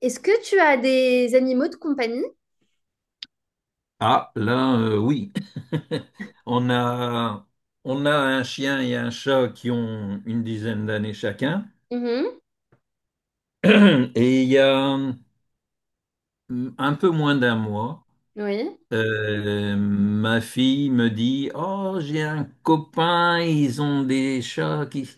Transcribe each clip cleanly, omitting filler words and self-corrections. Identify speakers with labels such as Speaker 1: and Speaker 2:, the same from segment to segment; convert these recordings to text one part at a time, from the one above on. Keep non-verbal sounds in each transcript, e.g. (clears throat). Speaker 1: Est-ce que tu as des animaux de compagnie?
Speaker 2: Ah, là, oui. (laughs) On a, on a un chien et un chat qui ont une dizaine d'années chacun.
Speaker 1: Mhm.
Speaker 2: (clears throat) Et il y a un peu moins d'un mois,
Speaker 1: Oui.
Speaker 2: ma fille me dit, Oh, j'ai un copain, ils ont des chats qui,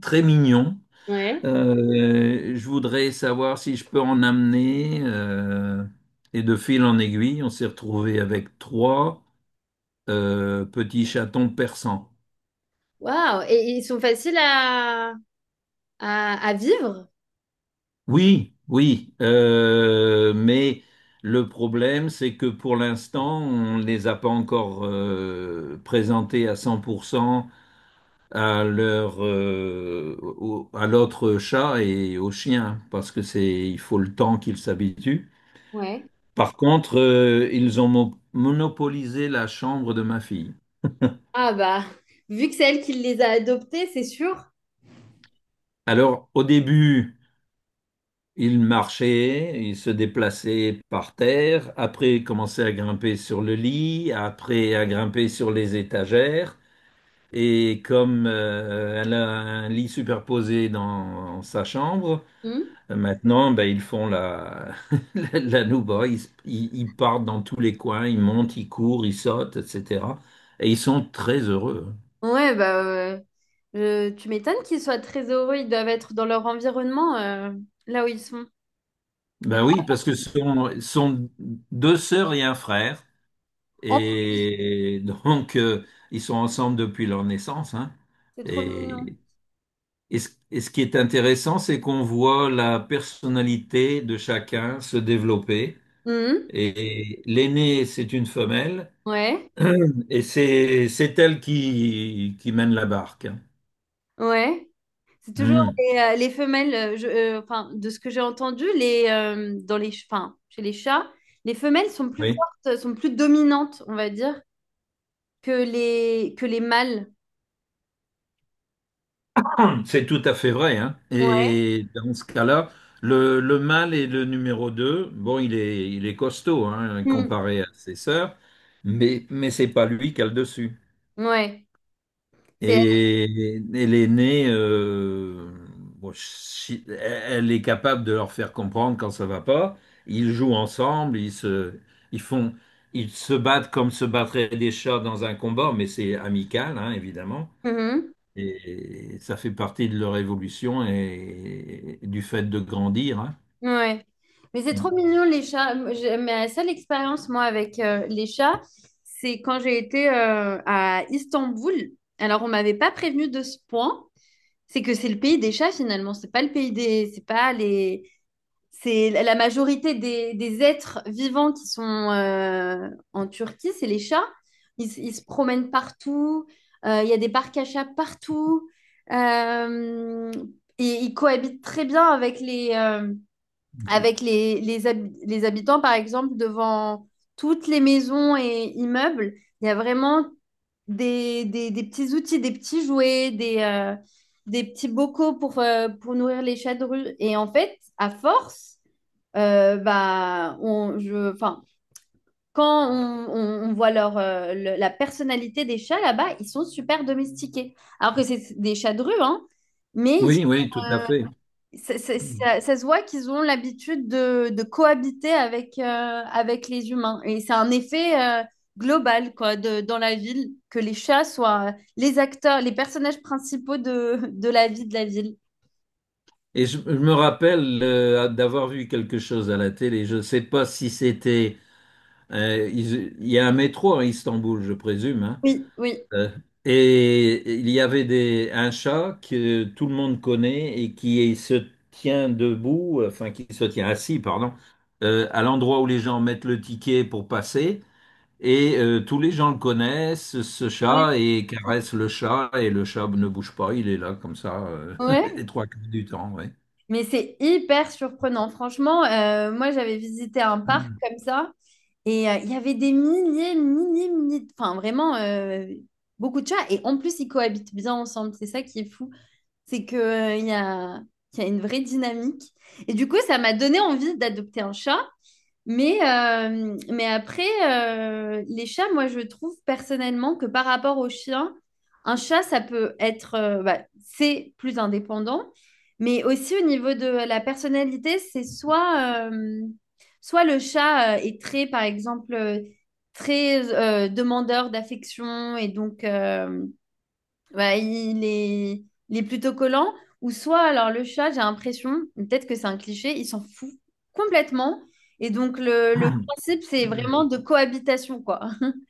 Speaker 2: très mignons.
Speaker 1: Ouais.
Speaker 2: Je voudrais savoir si je peux en amener. Et de fil en aiguille, on s'est retrouvé avec trois petits chatons persans.
Speaker 1: Waouh! Et ils sont faciles à vivre?
Speaker 2: Oui, oui, mais le problème, c'est que pour l'instant, on ne les a pas encore présentés à 100% à à l'autre chat et au chien, parce que il faut le temps qu'ils s'habituent.
Speaker 1: Ouais.
Speaker 2: Par contre, ils ont monopolisé la chambre de ma fille.
Speaker 1: Ah bah, vu que c'est elle qui les a adoptés, c'est sûr.
Speaker 2: Alors, au début, il marchait, il se déplaçait par terre, après il commençait à grimper sur le lit, après à grimper sur les étagères. Et comme elle a un lit superposé dans sa chambre,
Speaker 1: Mhm.
Speaker 2: maintenant ben, ils font la, (laughs) la nouba, ils partent dans tous les coins, ils montent, ils courent, ils sautent, etc. Et ils sont très heureux.
Speaker 1: Ouais, tu m'étonnes qu'ils soient très heureux. Ils doivent être dans leur environnement, là où ils sont.
Speaker 2: Ben oui, parce que ce sont deux sœurs et un frère.
Speaker 1: En pro-
Speaker 2: Et donc, ils sont ensemble depuis leur naissance, hein.
Speaker 1: c'est trop mignon.
Speaker 2: Et, et ce qui est intéressant, c'est qu'on voit la personnalité de chacun se développer.
Speaker 1: Mhm.
Speaker 2: Et l'aînée, c'est une femelle,
Speaker 1: Ouais,
Speaker 2: et c'est elle qui mène la barque, hein.
Speaker 1: ouais. C'est toujours
Speaker 2: Hmm,
Speaker 1: les femelles, enfin, de ce que j'ai entendu, dans enfin, chez les chats, les femelles sont plus
Speaker 2: oui.
Speaker 1: fortes, sont plus dominantes, on va dire, que que les mâles.
Speaker 2: (laughs) C'est tout à fait vrai, hein.
Speaker 1: Ouais.
Speaker 2: Et dans ce cas-là, le mâle est le numéro 2. Bon, il est costaud, hein,
Speaker 1: Mm.
Speaker 2: comparé à ses sœurs, mais c'est pas lui qui a le dessus.
Speaker 1: Ouais. C'est...
Speaker 2: Et elle est née, bon, elle est capable de leur faire comprendre quand ça va pas. Ils jouent ensemble, ils font, ils se battent comme se battraient des chats dans un combat, mais c'est amical, hein, évidemment.
Speaker 1: Mhm.
Speaker 2: Et ça fait partie de leur évolution et du fait de grandir, hein.
Speaker 1: Ouais. Mais c'est trop
Speaker 2: Mm.
Speaker 1: mignon, les chats. Moi, ma seule expérience, moi, avec les chats, c'est quand j'ai été à Istanbul. Alors, on m'avait pas prévenu de ce point. C'est que c'est le pays des chats, finalement. C'est pas le pays des... C'est pas les. C'est la la majorité des êtres vivants qui sont en Turquie, c'est les chats. Ils se promènent partout. Il y a des parcs à chats partout. euh, et ils cohabitent très bien avec avec les habitants, par exemple, devant toutes les maisons et immeubles. Il y a vraiment des petits outils, des petits jouets, des petits bocaux pour nourrir les chats de rue. Et en fait, à force, enfin, quand on voit la personnalité des chats là-bas, ils sont super domestiqués. Alors que c'est des chats de rue, hein, mais ils-
Speaker 2: Oui, oui, tout à fait.
Speaker 1: ça,
Speaker 2: Mm.
Speaker 1: ça se voit qu'ils ont l'habitude de cohabiter avec, avec les humains. Et c'est un effet global, quoi, dans la ville, que les chats soient les acteurs, les personnages principaux de la vie de la ville.
Speaker 2: Et je me rappelle d'avoir vu quelque chose à la télé. Je ne sais pas si c'était. Il y a un métro à Istanbul, je présume, hein.
Speaker 1: Oui, oui.
Speaker 2: Euh, et il y avait un chat que tout le monde connaît et qui se tient debout, enfin qui se tient assis, pardon, à l'endroit où les gens mettent le ticket pour passer. Et tous les gens le connaissent, ce
Speaker 1: Ouais.
Speaker 2: chat, et caressent le chat, et le chat ne bouge pas, il est là comme ça, (laughs)
Speaker 1: Ouais.
Speaker 2: les trois quarts du temps, ouais.
Speaker 1: Mais c'est hyper surprenant. Franchement, moi, j'avais visité un parc comme ça et il y avait des milliers, milliers, milliers, enfin vraiment beaucoup de chats. Et en plus, ils cohabitent bien ensemble. C'est ça qui est fou. C'est que, il y a une vraie dynamique. Et du coup, ça m'a donné envie d'adopter un chat. Mais après, les chats, moi, je trouve personnellement que par rapport aux chiens, un chat, ça peut être, bah, c'est plus indépendant, mais aussi au niveau de la personnalité, c'est soit, soit le chat est très, par exemple, très demandeur d'affection et donc bah, il est plutôt collant. Ou soit, alors le chat, j'ai l'impression, peut-être que c'est un cliché, il s'en fout complètement. Et donc, le principe, c'est vraiment de cohabitation, quoi. (laughs)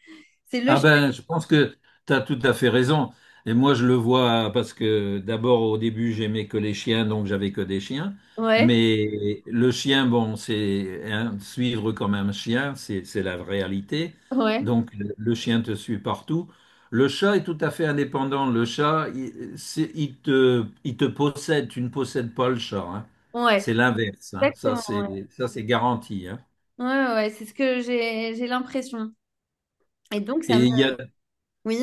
Speaker 1: C'est le
Speaker 2: Ah
Speaker 1: chat.
Speaker 2: ben, je pense que tu as tout à fait raison. Et moi, je le vois parce que d'abord, au début, j'aimais que les chiens, donc j'avais que des chiens.
Speaker 1: Ouais,
Speaker 2: Mais le chien, bon, c'est hein, suivre comme un chien, c'est la réalité.
Speaker 1: ouais,
Speaker 2: Donc, le chien te suit partout. Le chat est tout à fait indépendant. Le chat, il, il te possède. Tu ne possèdes pas le chat, hein.
Speaker 1: ouais.
Speaker 2: C'est l'inverse, hein.
Speaker 1: Exactement. Ouais,
Speaker 2: Ça, c'est garanti, hein.
Speaker 1: ouais, ouais, ouais, c'est ce que j'ai l'impression. Et donc, ça me...
Speaker 2: Et il y a
Speaker 1: Oui.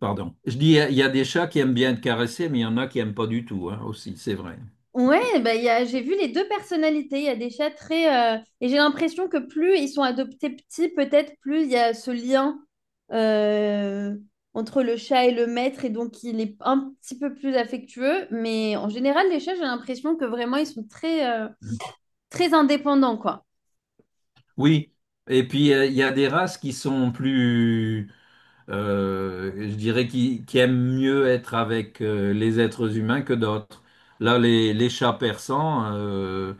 Speaker 2: Pardon. Je dis, il y a des chats qui aiment bien être caressés, mais il y en a qui aiment pas du tout, hein, aussi, c'est vrai.
Speaker 1: Ouais, j'ai vu les deux personnalités. Il y a des chats très. Et j'ai l'impression que plus ils sont adoptés petits, peut-être plus il y a ce lien euh, entre le chat et le maître. Et donc, il est un petit peu plus affectueux. Mais en général, les chats, j'ai l'impression que vraiment, ils sont très, très indépendants, quoi.
Speaker 2: Oui. Et puis, il y a des races qui sont plus, je dirais, qui aiment mieux être avec les êtres humains que d'autres. Là, les chats persans,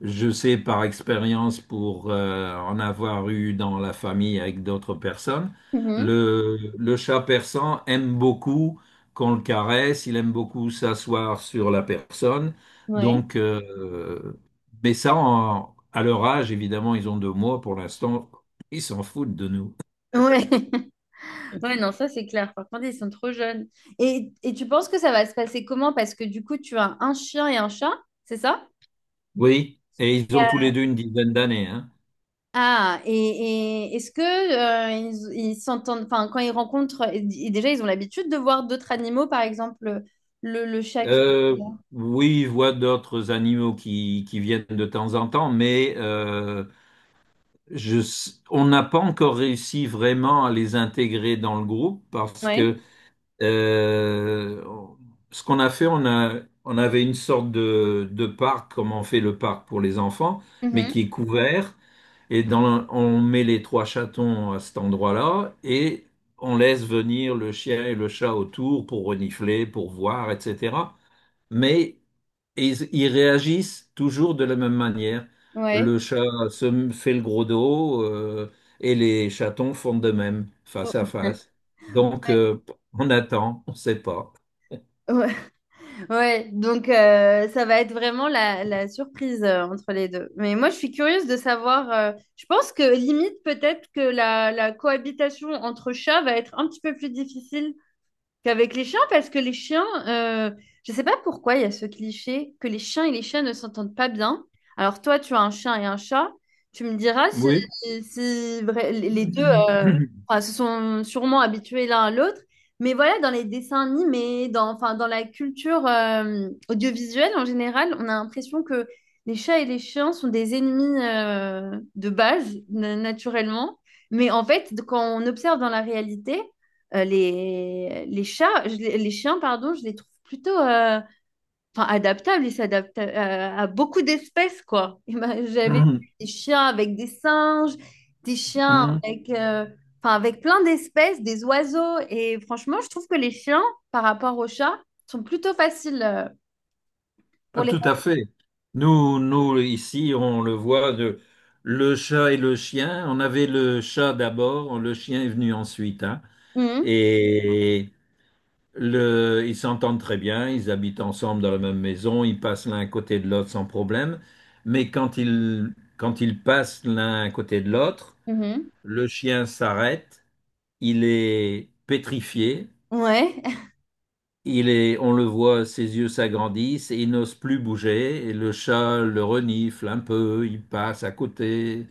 Speaker 2: je sais par expérience pour en avoir eu dans la famille avec d'autres personnes,
Speaker 1: Mhm.
Speaker 2: le chat persan aime beaucoup qu'on le caresse, il aime beaucoup s'asseoir sur la personne.
Speaker 1: Ouais.
Speaker 2: Donc, mais ça, à leur âge, évidemment, ils ont 2 mois pour l'instant, ils s'en foutent de nous.
Speaker 1: Ouais.
Speaker 2: (laughs)
Speaker 1: (laughs) Ouais, non, ça, c'est clair. Par contre, ils sont trop jeunes. Et tu penses que ça va se passer comment? Parce que du coup, tu as un chien et un chat, c'est ça?
Speaker 2: Oui, et ils ont tous les deux une dizaine d'années, hein.
Speaker 1: Ah, et est-ce que ils s'entendent, enfin, quand ils rencontrent, et déjà, ils ont l'habitude de voir d'autres animaux, par exemple, le chat qui...
Speaker 2: Euh, oui, ils voient d'autres animaux qui viennent de temps en temps, mais on n'a pas encore réussi vraiment à les intégrer dans le groupe parce
Speaker 1: Ouais.
Speaker 2: que euh, on- ce qu'on a fait, on avait une sorte de parc, comme on fait le parc pour les enfants, mais
Speaker 1: Mhm.
Speaker 2: qui est couvert. Et dans, on met les trois chatons à cet endroit-là et on laisse venir le chien et le chat autour pour renifler, pour voir, etc. Mais ils réagissent toujours de la même manière.
Speaker 1: Ouais.
Speaker 2: Le chat se fait le gros dos, et les chatons font de même,
Speaker 1: Faut-
Speaker 2: face à
Speaker 1: (laughs)
Speaker 2: face. Donc,
Speaker 1: Ouais.
Speaker 2: on attend, on ne sait pas.
Speaker 1: Ouais. Ouais. Donc ça va être vraiment la surprise entre les deux. Mais moi, je suis curieuse de savoir, je pense que limite peut-être que la cohabitation entre chats va être un petit peu plus difficile qu'avec les chiens, parce que les chiens, je ne sais pas pourquoi il y a ce cliché que les chiens et les chats ne s'entendent pas bien. Alors toi, tu as un chien et un chat, tu me diras si,
Speaker 2: Oui.
Speaker 1: les deux
Speaker 2: (clears throat)
Speaker 1: enfin, se sont sûrement habitués l'un à l'autre. Mais voilà, dans les dessins animés, dans, enfin, dans la culture audiovisuelle en général, on a l'impression que les chats et les chiens sont des ennemis de base, naturellement. Mais en fait, quand on observe dans la réalité, les chats, je les chiens, pardon, je les trouve plutôt enfin, adaptables. Ils s'adaptent à beaucoup d'espèces, quoi. (laughs) Et ben, j'avais vu des chiens avec des singes, des chiens avec, enfin, avec plein d'espèces, des oiseaux. Et franchement, je trouve que les chiens, par rapport aux chats, sont plutôt faciles
Speaker 2: Ah,
Speaker 1: pour les...
Speaker 2: tout à fait. Nous, nous, ici, on le voit, le chat et le chien. On avait le chat d'abord, le chien est venu ensuite, hein. Et ils s'entendent très bien, ils habitent ensemble dans la même maison, ils passent l'un à côté de l'autre sans problème. Mais quand ils passent l'un à côté de l'autre,
Speaker 1: Mhm, mhm.
Speaker 2: le chien s'arrête, il est pétrifié,
Speaker 1: Ouais.
Speaker 2: il est, on le voit, ses yeux s'agrandissent et il n'ose plus bouger. Et le chat le renifle un peu, il passe à côté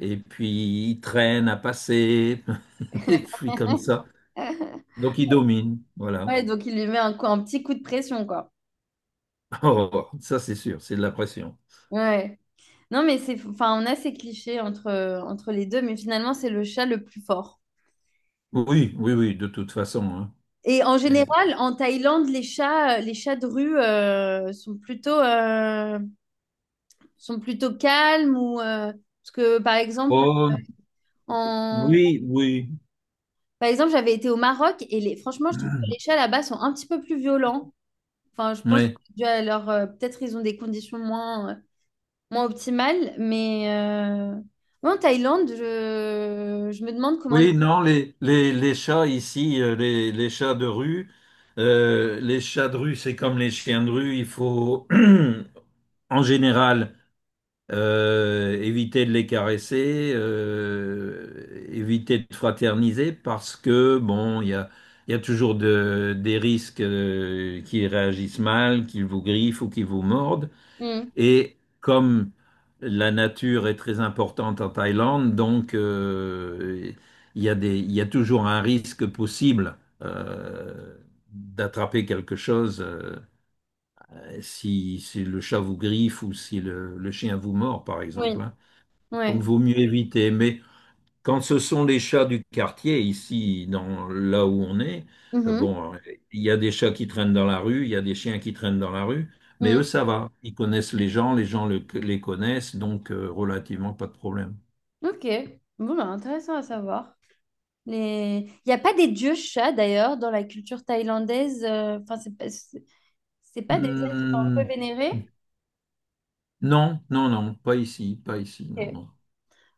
Speaker 2: et puis il traîne à passer (laughs) et puis comme ça.
Speaker 1: (laughs)
Speaker 2: Donc il domine, voilà.
Speaker 1: Ouais, donc il lui met un petit coup de pression, quoi.
Speaker 2: (laughs) Oh, ça c'est sûr, c'est de la pression.
Speaker 1: Ouais. Non, mais c'est, enfin, on a ces clichés entre, entre les deux, mais finalement, c'est le chat le plus fort.
Speaker 2: Oui, oui, oui, de toute façon, hein.
Speaker 1: Et en
Speaker 2: Euh,
Speaker 1: général, en Thaïlande, les chats de rue sont plutôt calmes ou parce que, par exemple,
Speaker 2: Oh,
Speaker 1: en,
Speaker 2: oui, oui.
Speaker 1: par exemple, j'avais été au Maroc et les, franchement, je trouve que les chats
Speaker 2: (clears throat)
Speaker 1: là-bas sont un petit peu plus violents. Enfin, je pense que
Speaker 2: Oui,
Speaker 1: c'est dû à leur, peut-être ils ont des conditions moins, moins optimales, mais en Thaïlande, je me demande comment les.
Speaker 2: oui, non, les chats ici, les chats de rue, les chats de rue, c'est comme les chiens de rue, il faut (clears throat) en général éviter de les caresser, éviter de fraterniser parce que, bon, il y a toujours des risques, qu'ils réagissent mal, qu'ils vous griffent ou qu'ils vous mordent.
Speaker 1: Hmm.
Speaker 2: Et comme la nature est très importante en Thaïlande, donc il y a toujours un risque possible, euh, d'attraper quelque chose, si le chat vous griffe ou si le chien vous mord, par
Speaker 1: Oui,
Speaker 2: exemple, hein.
Speaker 1: ouais.
Speaker 2: Donc vaut mieux éviter. Mais quand ce sont les chats du quartier, ici, là où on est,
Speaker 1: Mhm,
Speaker 2: bon, il y a des chats qui traînent dans la rue, il y a des chiens qui traînent dans la rue, mais
Speaker 1: mhm.
Speaker 2: eux, ça va. Ils connaissent les gens, les gens les connaissent, donc relativement pas de problème.
Speaker 1: Ok, bon, bah, intéressant à savoir. Les... Il n'y a pas des dieux chats d'ailleurs dans la culture thaïlandaise. Enfin, c'est pas, c'est pas des êtres un
Speaker 2: Hmm,
Speaker 1: peu vénérés.
Speaker 2: non, non, non, pas ici, pas ici,
Speaker 1: Ok,
Speaker 2: non. Non.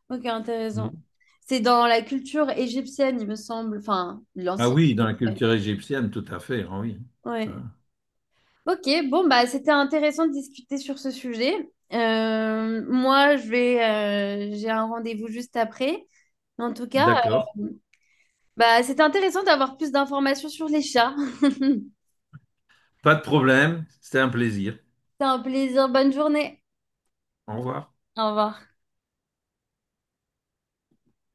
Speaker 1: ok, intéressant.
Speaker 2: Hmm.
Speaker 1: C'est dans la culture égyptienne, il me semble. Enfin,
Speaker 2: Ah
Speaker 1: l'ancienne.
Speaker 2: oui, dans la culture égyptienne, tout à fait, ah oui. Ah,
Speaker 1: Ouais. Ok, bon, bah, c'était intéressant de discuter sur ce sujet. Euh, moi, je vais, j'ai un rendez-vous juste après. En tout cas,
Speaker 2: d'accord.
Speaker 1: euh, bah, c'était intéressant d'avoir plus d'informations sur les chats. (laughs)
Speaker 2: Pas de problème, c'était un plaisir.
Speaker 1: C'est un plaisir. Bonne journée.
Speaker 2: Au revoir.
Speaker 1: Au revoir.